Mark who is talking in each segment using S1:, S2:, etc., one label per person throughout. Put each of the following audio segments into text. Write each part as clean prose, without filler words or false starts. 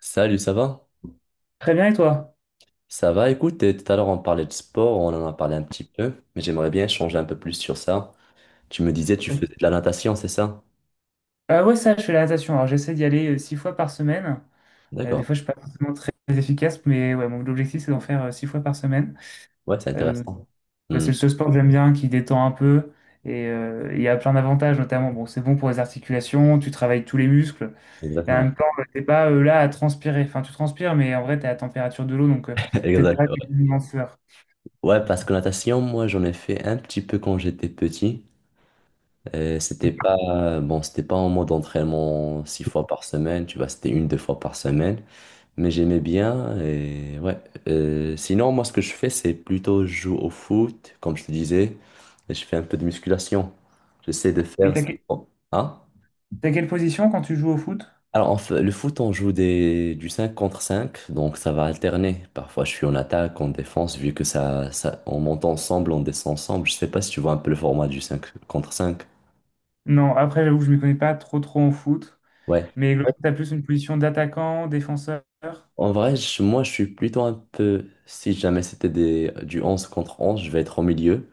S1: Salut, ça va?
S2: Très bien, et toi?
S1: Ça va, écoute, et tout à l'heure on parlait de sport, on en a parlé un petit peu, mais j'aimerais bien changer un peu plus sur ça. Tu me disais, tu faisais de la natation, c'est ça?
S2: Ouais, ça, je fais la natation. Alors, j'essaie d'y aller six fois par semaine. Des
S1: D'accord.
S2: fois, je suis pas forcément très efficace, mais ouais, mon objectif, c'est d'en faire six fois par semaine.
S1: Ouais, c'est
S2: Euh,
S1: intéressant.
S2: ouais,
S1: Hmm,
S2: c'est le seul sport que j'aime bien, qui détend un peu. Et il y a plein d'avantages, notamment, bon, c'est bon pour les articulations, tu travailles tous les muscles. Et en
S1: exactement.
S2: même temps, t'es pas là à transpirer. Enfin, tu transpires, mais en vrai, t'es à la température de l'eau, donc t'es pas
S1: Exactement.
S2: une sueur.
S1: Ouais, ouais, parce que natation, moi, j'en ai fait un petit peu quand j'étais petit. Et c'était pas, bon, c'était pas en mode entraînement 6 fois par semaine, tu vois, c'était une, deux fois par semaine. Mais j'aimais bien et ouais. Sinon, moi, ce que je fais, c'est plutôt je joue au foot, comme je te disais, et je fais un peu de musculation. J'essaie de
S2: Et
S1: faire...
S2: t'as
S1: cinq
S2: que-
S1: con- Hein?
S2: T'as quelle position quand tu joues au foot?
S1: Alors, en fait, le foot, on joue du 5 contre 5, donc ça va alterner. Parfois, je suis en attaque, en défense, vu que on monte ensemble, on descend ensemble. Je sais pas si tu vois un peu le format du 5 contre 5.
S2: Non, après, j'avoue que je m'y connais pas trop trop en foot.
S1: Ouais.
S2: Mais
S1: Ouais.
S2: tu as plus une position d'attaquant, défenseur.
S1: En vrai, moi, je suis plutôt un peu. Si jamais c'était du 11 contre 11, je vais être au milieu.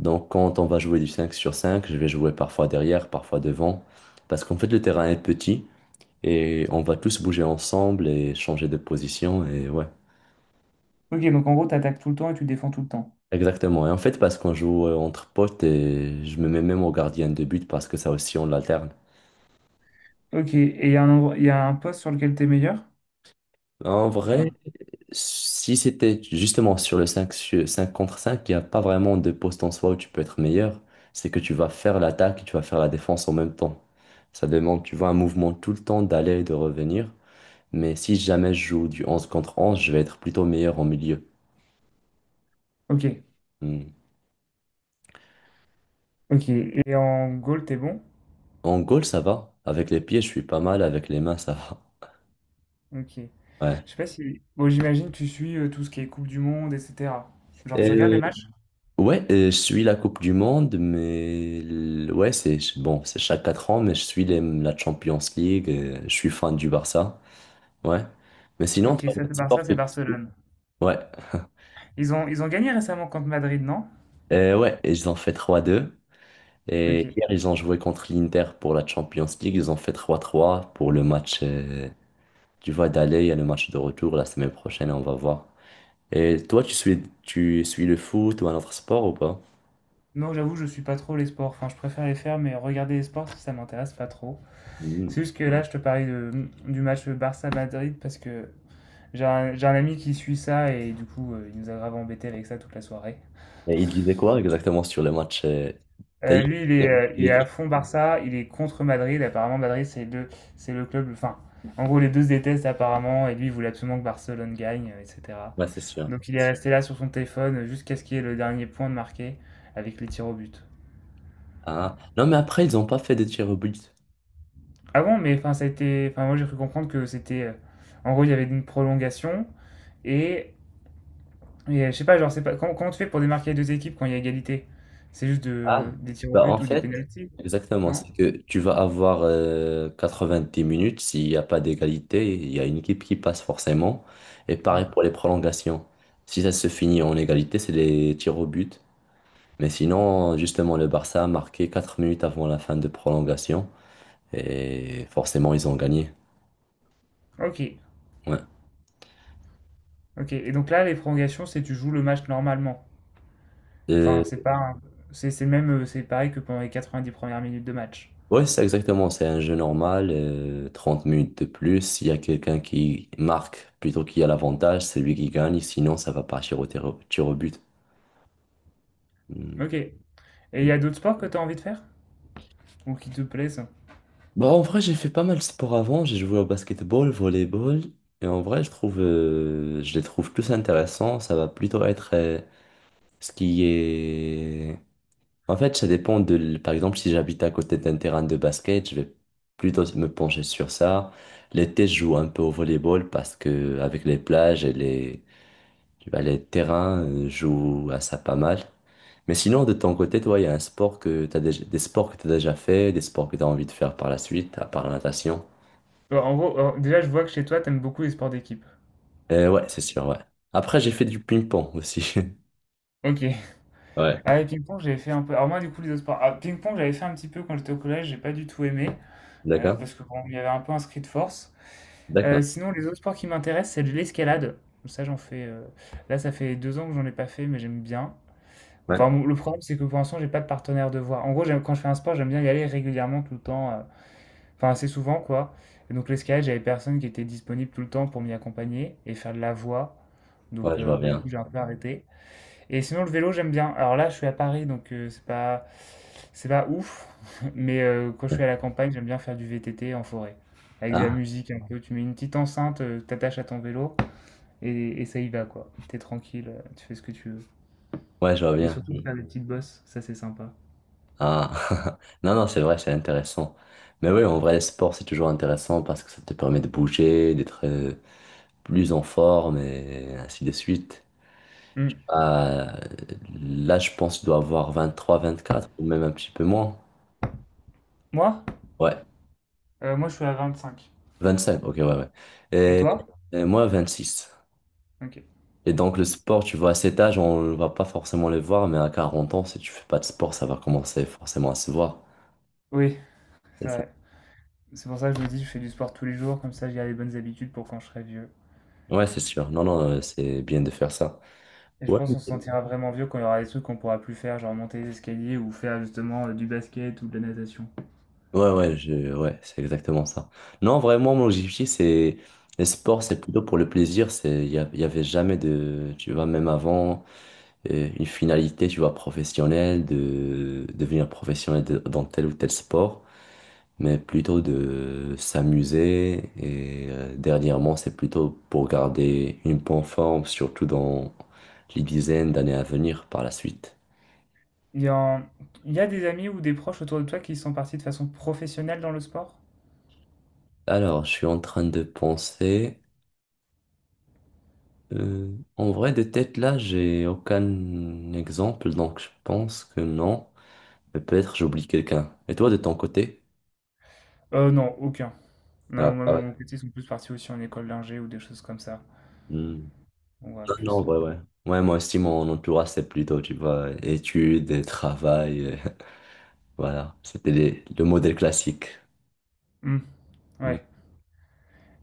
S1: Donc quand on va jouer du 5 sur 5, je vais jouer parfois derrière, parfois devant, parce qu'en fait le terrain est petit et on va tous bouger ensemble et changer de position et ouais.
S2: Ok, donc en gros, tu attaques tout le temps et tu défends tout le temps.
S1: Exactement. Et en fait parce qu'on joue entre potes et je me mets même au gardien de but parce que ça aussi on l'alterne.
S2: Ok, et il y a un poste sur lequel tu es meilleur?
S1: En vrai,
S2: Enfin,
S1: si c'était justement sur le 5 contre 5, il n'y a pas vraiment de poste en soi où tu peux être meilleur, c'est que tu vas faire l'attaque et tu vas faire la défense en même temps. Ça demande, tu vois, un mouvement tout le temps d'aller et de revenir. Mais si jamais je joue du 11 contre onze, je vais être plutôt meilleur en milieu.
S2: ok,
S1: Hmm.
S2: ok. Et en goal, t'es bon?
S1: En goal, ça va. Avec les pieds, je suis pas mal. Avec les mains, ça va.
S2: Ok.
S1: Ouais.
S2: Je sais pas si. Bon, j'imagine que tu suis tout ce qui est Coupe du Monde, etc. Genre, tu
S1: Et,
S2: regardes
S1: Euh,
S2: les matchs?
S1: Ouais, je suis la Coupe du Monde, mais ouais, c'est bon, c'est chaque 4 ans, mais je suis la Champions League, je suis fan du Barça. Ouais. Mais sinon,
S2: Ok,
S1: toi, il y a
S2: ça
S1: des
S2: c'est Barça,
S1: sports que
S2: c'est
S1: tu suis.
S2: Barcelone.
S1: Ouais.
S2: Ils ont gagné récemment contre Madrid, non?
S1: Ouais, et ils ont fait 3-2. Et
S2: Ok.
S1: hier, ils ont joué contre l'Inter pour la Champions League. Ils ont fait 3-3 pour le match tu vois, d'aller, il y a le match de retour la semaine prochaine, on va voir. Et toi, tu suis le foot ou un autre sport ou pas?
S2: Non, j'avoue, je suis pas trop les sports. Enfin, je préfère les faire, mais regarder les sports, ça m'intéresse pas trop.
S1: Mhm.
S2: C'est juste que là, je te parlais du match Barça-Madrid parce que j'ai un ami qui suit ça et du coup, il nous a grave embêté avec ça toute la soirée.
S1: Et il disait quoi exactement sur le match? D'ailleurs,
S2: Lui, il est, euh,
S1: il
S2: il est à
S1: était-
S2: fond Barça, il est contre Madrid. Apparemment, Madrid, c'est le club. Enfin, en gros, les deux se détestent apparemment et lui, il voulait absolument que Barcelone gagne, etc.
S1: ouais, c'est sûr.
S2: Donc, il est resté là sur son téléphone jusqu'à ce qu'il y ait le dernier point de marqué avec les tirs au but.
S1: Ah. Non, mais après, ils n'ont pas fait de tir au but.
S2: Ah bon, mais enfin, ça a été. Enfin, moi, j'ai cru comprendre que c'était. En gros, il y avait une prolongation et je sais pas, genre, c'est pas comment tu fais pour démarquer les 2 équipes quand il y a égalité? C'est juste
S1: Ah,
S2: des tirs au
S1: bah en
S2: but ou des
S1: fait,
S2: pénaltys?
S1: exactement,
S2: Non?
S1: c'est que tu vas avoir 90 minutes, s'il n'y a pas d'égalité, il y a une équipe qui passe forcément. Et pareil
S2: Hmm.
S1: pour les prolongations. Si ça se finit en égalité, c'est les tirs au but. Mais sinon, justement, le Barça a marqué 4 minutes avant la fin de prolongation et forcément, ils ont gagné.
S2: Ok,
S1: Ouais,
S2: ok. Et donc là, les prolongations, c'est tu joues le match normalement.
S1: Euh,
S2: Enfin, c'est pas, un- c'est le même, c'est pareil que pendant les 90 premières minutes de match.
S1: ouais, c'est exactement, c'est un jeu normal, 30 minutes de plus. S'il y a quelqu'un qui marque plutôt qu'il y a l'avantage, c'est lui qui gagne, sinon, ça va partir au tir au but. Mm.
S2: Ok. Et il y a d'autres sports que tu as envie de faire? Ou qui te plaisent?
S1: Bon, en vrai, j'ai fait pas mal de sport avant. J'ai joué au basketball, volleyball. Et en vrai, je trouve, je les trouve plus intéressants. Ça va plutôt être ce qui est en fait, ça dépend par exemple, si j'habite à côté d'un terrain de basket, je vais plutôt me pencher sur ça. L'été, je joue un peu au volleyball parce que avec les plages et les, tu vois, les terrains, je joue à ça pas mal. Mais sinon, de ton côté, toi, il y a un sport que t'as déjà, des sports que tu as déjà fait, des sports que tu as envie de faire par la suite, à part la natation.
S2: Bon, en gros, alors, déjà, je vois que chez toi, t'aimes beaucoup les sports d'équipe.
S1: Ouais, c'est sûr, ouais. Après, j'ai fait du ping-pong aussi.
S2: Ok.
S1: Ouais.
S2: Ah, et ping-pong, j'avais fait un peu. Alors, moi, du coup, les autres sports. Ah, ping-pong, j'avais fait un petit peu quand j'étais au collège, j'ai pas du tout aimé. euh,
S1: D'accord?
S2: parce que, bon, il y avait un peu un de force.
S1: D'accord.
S2: Sinon, les autres sports qui m'intéressent, c'est de l'escalade. Ça, j'en fais. Là, ça fait 2 ans que j'en ai pas fait, mais j'aime bien.
S1: Ouais.
S2: Enfin, le problème, c'est que pour l'instant, j'ai pas de partenaire de voie. En gros, quand je fais un sport, j'aime bien y aller régulièrement, tout le temps. Enfin, assez souvent, quoi. Et donc, l'escalade, j'avais personne qui était disponible tout le temps pour m'y accompagner et faire de la voie.
S1: Ouais,
S2: Donc,
S1: je vois
S2: bah, du
S1: bien.
S2: coup, j'ai un peu arrêté. Et sinon, le vélo, j'aime bien. Alors là, je suis à Paris, donc c'est pas ouf. Mais quand je suis à la campagne, j'aime bien faire du VTT en forêt. Avec de la
S1: Ah,
S2: musique un peu. Tu mets une petite enceinte, t'attaches à ton vélo et ça y va, quoi. T'es tranquille, tu fais ce que tu veux.
S1: ouais, je vois
S2: Et
S1: bien.
S2: surtout, faire des petites bosses, ça c'est sympa.
S1: Ah, non, non, c'est vrai, c'est intéressant. Mais oui, en vrai, le sport, c'est toujours intéressant parce que ça te permet de bouger, d'être plus en forme et ainsi de suite.
S2: Hmm.
S1: Euh, Là, je pense que je dois avoir 23 24 ou même un petit peu moins.
S2: Moi?
S1: Ouais,
S2: Moi, je suis à 25.
S1: 25, ok, ouais, ouais.
S2: Et
S1: Et,
S2: toi?
S1: moi, six.
S2: Ok.
S1: Et donc, le sport, tu vois, à cet âge, on ne va pas forcément le voir, mais à 40 ans, si tu fais pas de sport, ça va commencer forcément à se voir.
S2: Oui,
S1: C'est
S2: c'est
S1: ça.
S2: vrai. C'est pour ça que je me dis, je fais du sport tous les jours, comme ça j'ai les bonnes habitudes pour quand je serai vieux.
S1: Ouais, c'est sûr. Non, non, c'est bien de faire ça.
S2: Et je
S1: Ouais.
S2: pense qu'on se sentira vraiment vieux quand il y aura des trucs qu'on pourra plus faire, genre monter les escaliers ou faire justement du basket ou de la natation.
S1: Ouais, ouais, ouais, c'est exactement ça. Non, vraiment, mon objectif, c'est. Les sports, c'est plutôt pour le plaisir. C'est. Il y avait jamais de. Tu vois, même avant, une finalité, tu vois, professionnelle, de devenir professionnel dans tel ou tel sport, mais plutôt de s'amuser. Et dernièrement, c'est plutôt pour garder une bonne forme, surtout dans les dizaines d'années à venir par la suite.
S2: Il y a, il y a des amis ou des proches autour de toi qui sont partis de façon professionnelle dans le sport?
S1: Alors, je suis en train de penser. En vrai, de tête là, j'ai aucun exemple, donc je pense que non. Mais peut-être j'oublie quelqu'un. Et toi, de ton côté?
S2: Non, aucun. Non,
S1: Ah,
S2: moi,
S1: ah ouais.
S2: mon côté, ils sont plus partis aussi en école d'ingé ou des choses comme ça.
S1: Hmm.
S2: On va
S1: Non, non,
S2: plus.
S1: ouais, ouais. Ouais, moi aussi, mon entourage, c'est plutôt, tu vois, études, et travail. Voilà, c'était le modèle classique.
S2: Hmm,
S1: Hmm.
S2: ouais.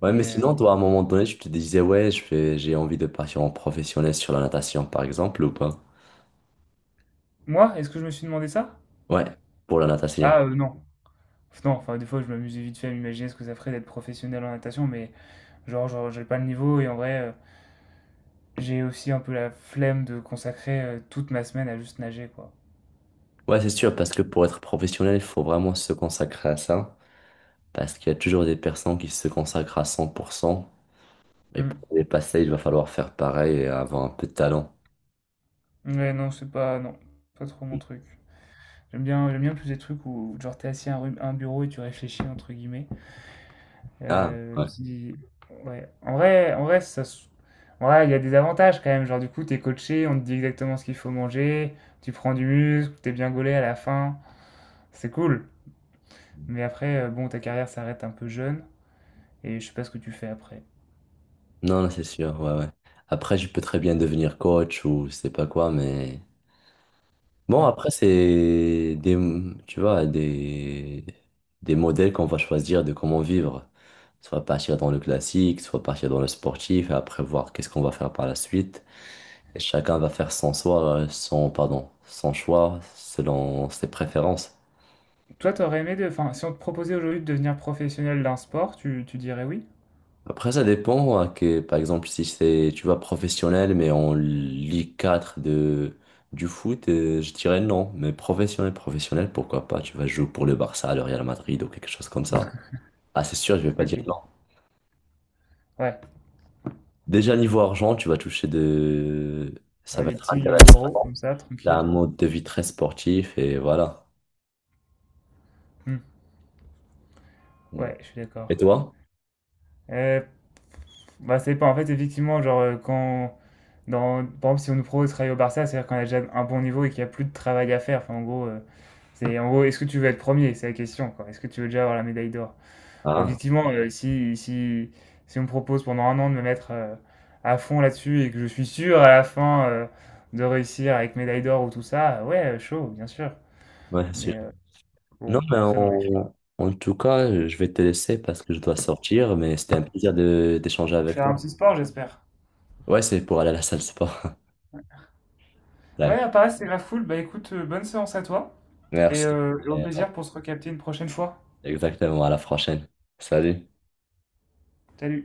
S1: Ouais, mais
S2: Et
S1: sinon, toi, à un moment donné, tu te disais, ouais, j'ai envie de partir en professionnel sur la natation, par exemple, ou pas?
S2: moi, est-ce que je me suis demandé ça?
S1: Ouais, pour la natation.
S2: Ah, non. Non, enfin, des fois, je m'amusais vite fait à m'imaginer ce que ça ferait d'être professionnel en natation, mais genre, j'ai pas le niveau et en vrai. J'ai aussi un peu la flemme de consacrer toute ma semaine à juste nager, quoi.
S1: Ouais, c'est sûr, parce que pour être professionnel, il faut vraiment se consacrer à ça. Parce qu'il y a toujours des personnes qui se consacrent à 100%. Et pour
S2: Hmm.
S1: les passer, il va falloir faire pareil et avoir un peu de talent.
S2: Ouais, non, c'est pas. Non, pas trop mon truc. J'aime bien plus des trucs où, genre, t'es assis à un bureau et tu réfléchis, entre guillemets.
S1: Ah, ouais.
S2: Puis, ouais. En vrai, ça. Ouais, il y a des avantages quand même. Genre, du coup, t'es coaché, on te dit exactement ce qu'il faut manger, tu prends du muscle, t'es bien gaulé à la fin. C'est cool. Mais après, bon, ta carrière s'arrête un peu jeune et je sais pas ce que tu fais après.
S1: Non, non, c'est sûr, ouais, ouais. Après, je peux très bien devenir coach ou je sais pas quoi, mais. Bon,
S2: Hmm.
S1: après, c'est des, tu vois, des modèles qu'on va choisir de comment vivre. Soit partir dans le classique, soit partir dans le sportif, et après voir qu'est-ce qu'on va faire par la suite. Et chacun va faire son choix, son, pardon, son choix selon ses préférences.
S2: Toi, t'aurais aimé Enfin, si on te proposait aujourd'hui de devenir professionnel d'un sport, tu dirais oui?
S1: Après, ça dépend, hein, que, par exemple, si c'est, tu vois, professionnel, mais en Ligue 4 du foot, je dirais non. Mais professionnel, professionnel, pourquoi pas? Tu vas jouer pour le Barça, le Real Madrid ou quelque chose comme ça. Ah, c'est sûr, je vais pas
S2: Ok.
S1: dire non.
S2: Ouais.
S1: Déjà, niveau argent, tu vas toucher de. Ça
S2: Ouais,
S1: va
S2: des
S1: être
S2: petits millions
S1: intéressant.
S2: d'euros, comme ça,
S1: T'as un
S2: tranquille.
S1: mode de vie très sportif et voilà.
S2: Hmm. Ouais, je suis d'accord.
S1: Et toi?
S2: Euh, Bah, c'est pas. En fait, effectivement, genre, Par exemple, si on nous propose de travailler au Barça, c'est-à-dire qu'on a déjà un bon niveau et qu'il n'y a plus de travail à faire. Enfin, en gros, En gros, est-ce que tu veux être premier? C'est la question, quoi. Est-ce que tu veux déjà avoir la médaille d'or? Bon,
S1: Ah,
S2: effectivement, si on me propose pendant un an de me mettre à fond là-dessus et que je suis sûr à la fin de réussir avec médaille d'or ou tout ça, ouais, chaud, bien sûr.
S1: ouais, sûr.
S2: Mais bon,
S1: Non, mais
S2: après, dans les faits.
S1: en tout cas, je vais te laisser parce que je dois sortir, mais c'était un plaisir de d'échanger avec
S2: Faire un
S1: toi.
S2: petit sport, j'espère.
S1: Ouais, c'est pour aller à la salle de sport.
S2: Ouais,
S1: D'accord.
S2: à Paris, c'est la foule. Bah écoute, bonne séance à toi et,
S1: Merci.
S2: euh, et au
S1: Et, euh,
S2: plaisir pour se recapter une prochaine fois.
S1: Exactement, à la prochaine. Salut.
S2: Salut!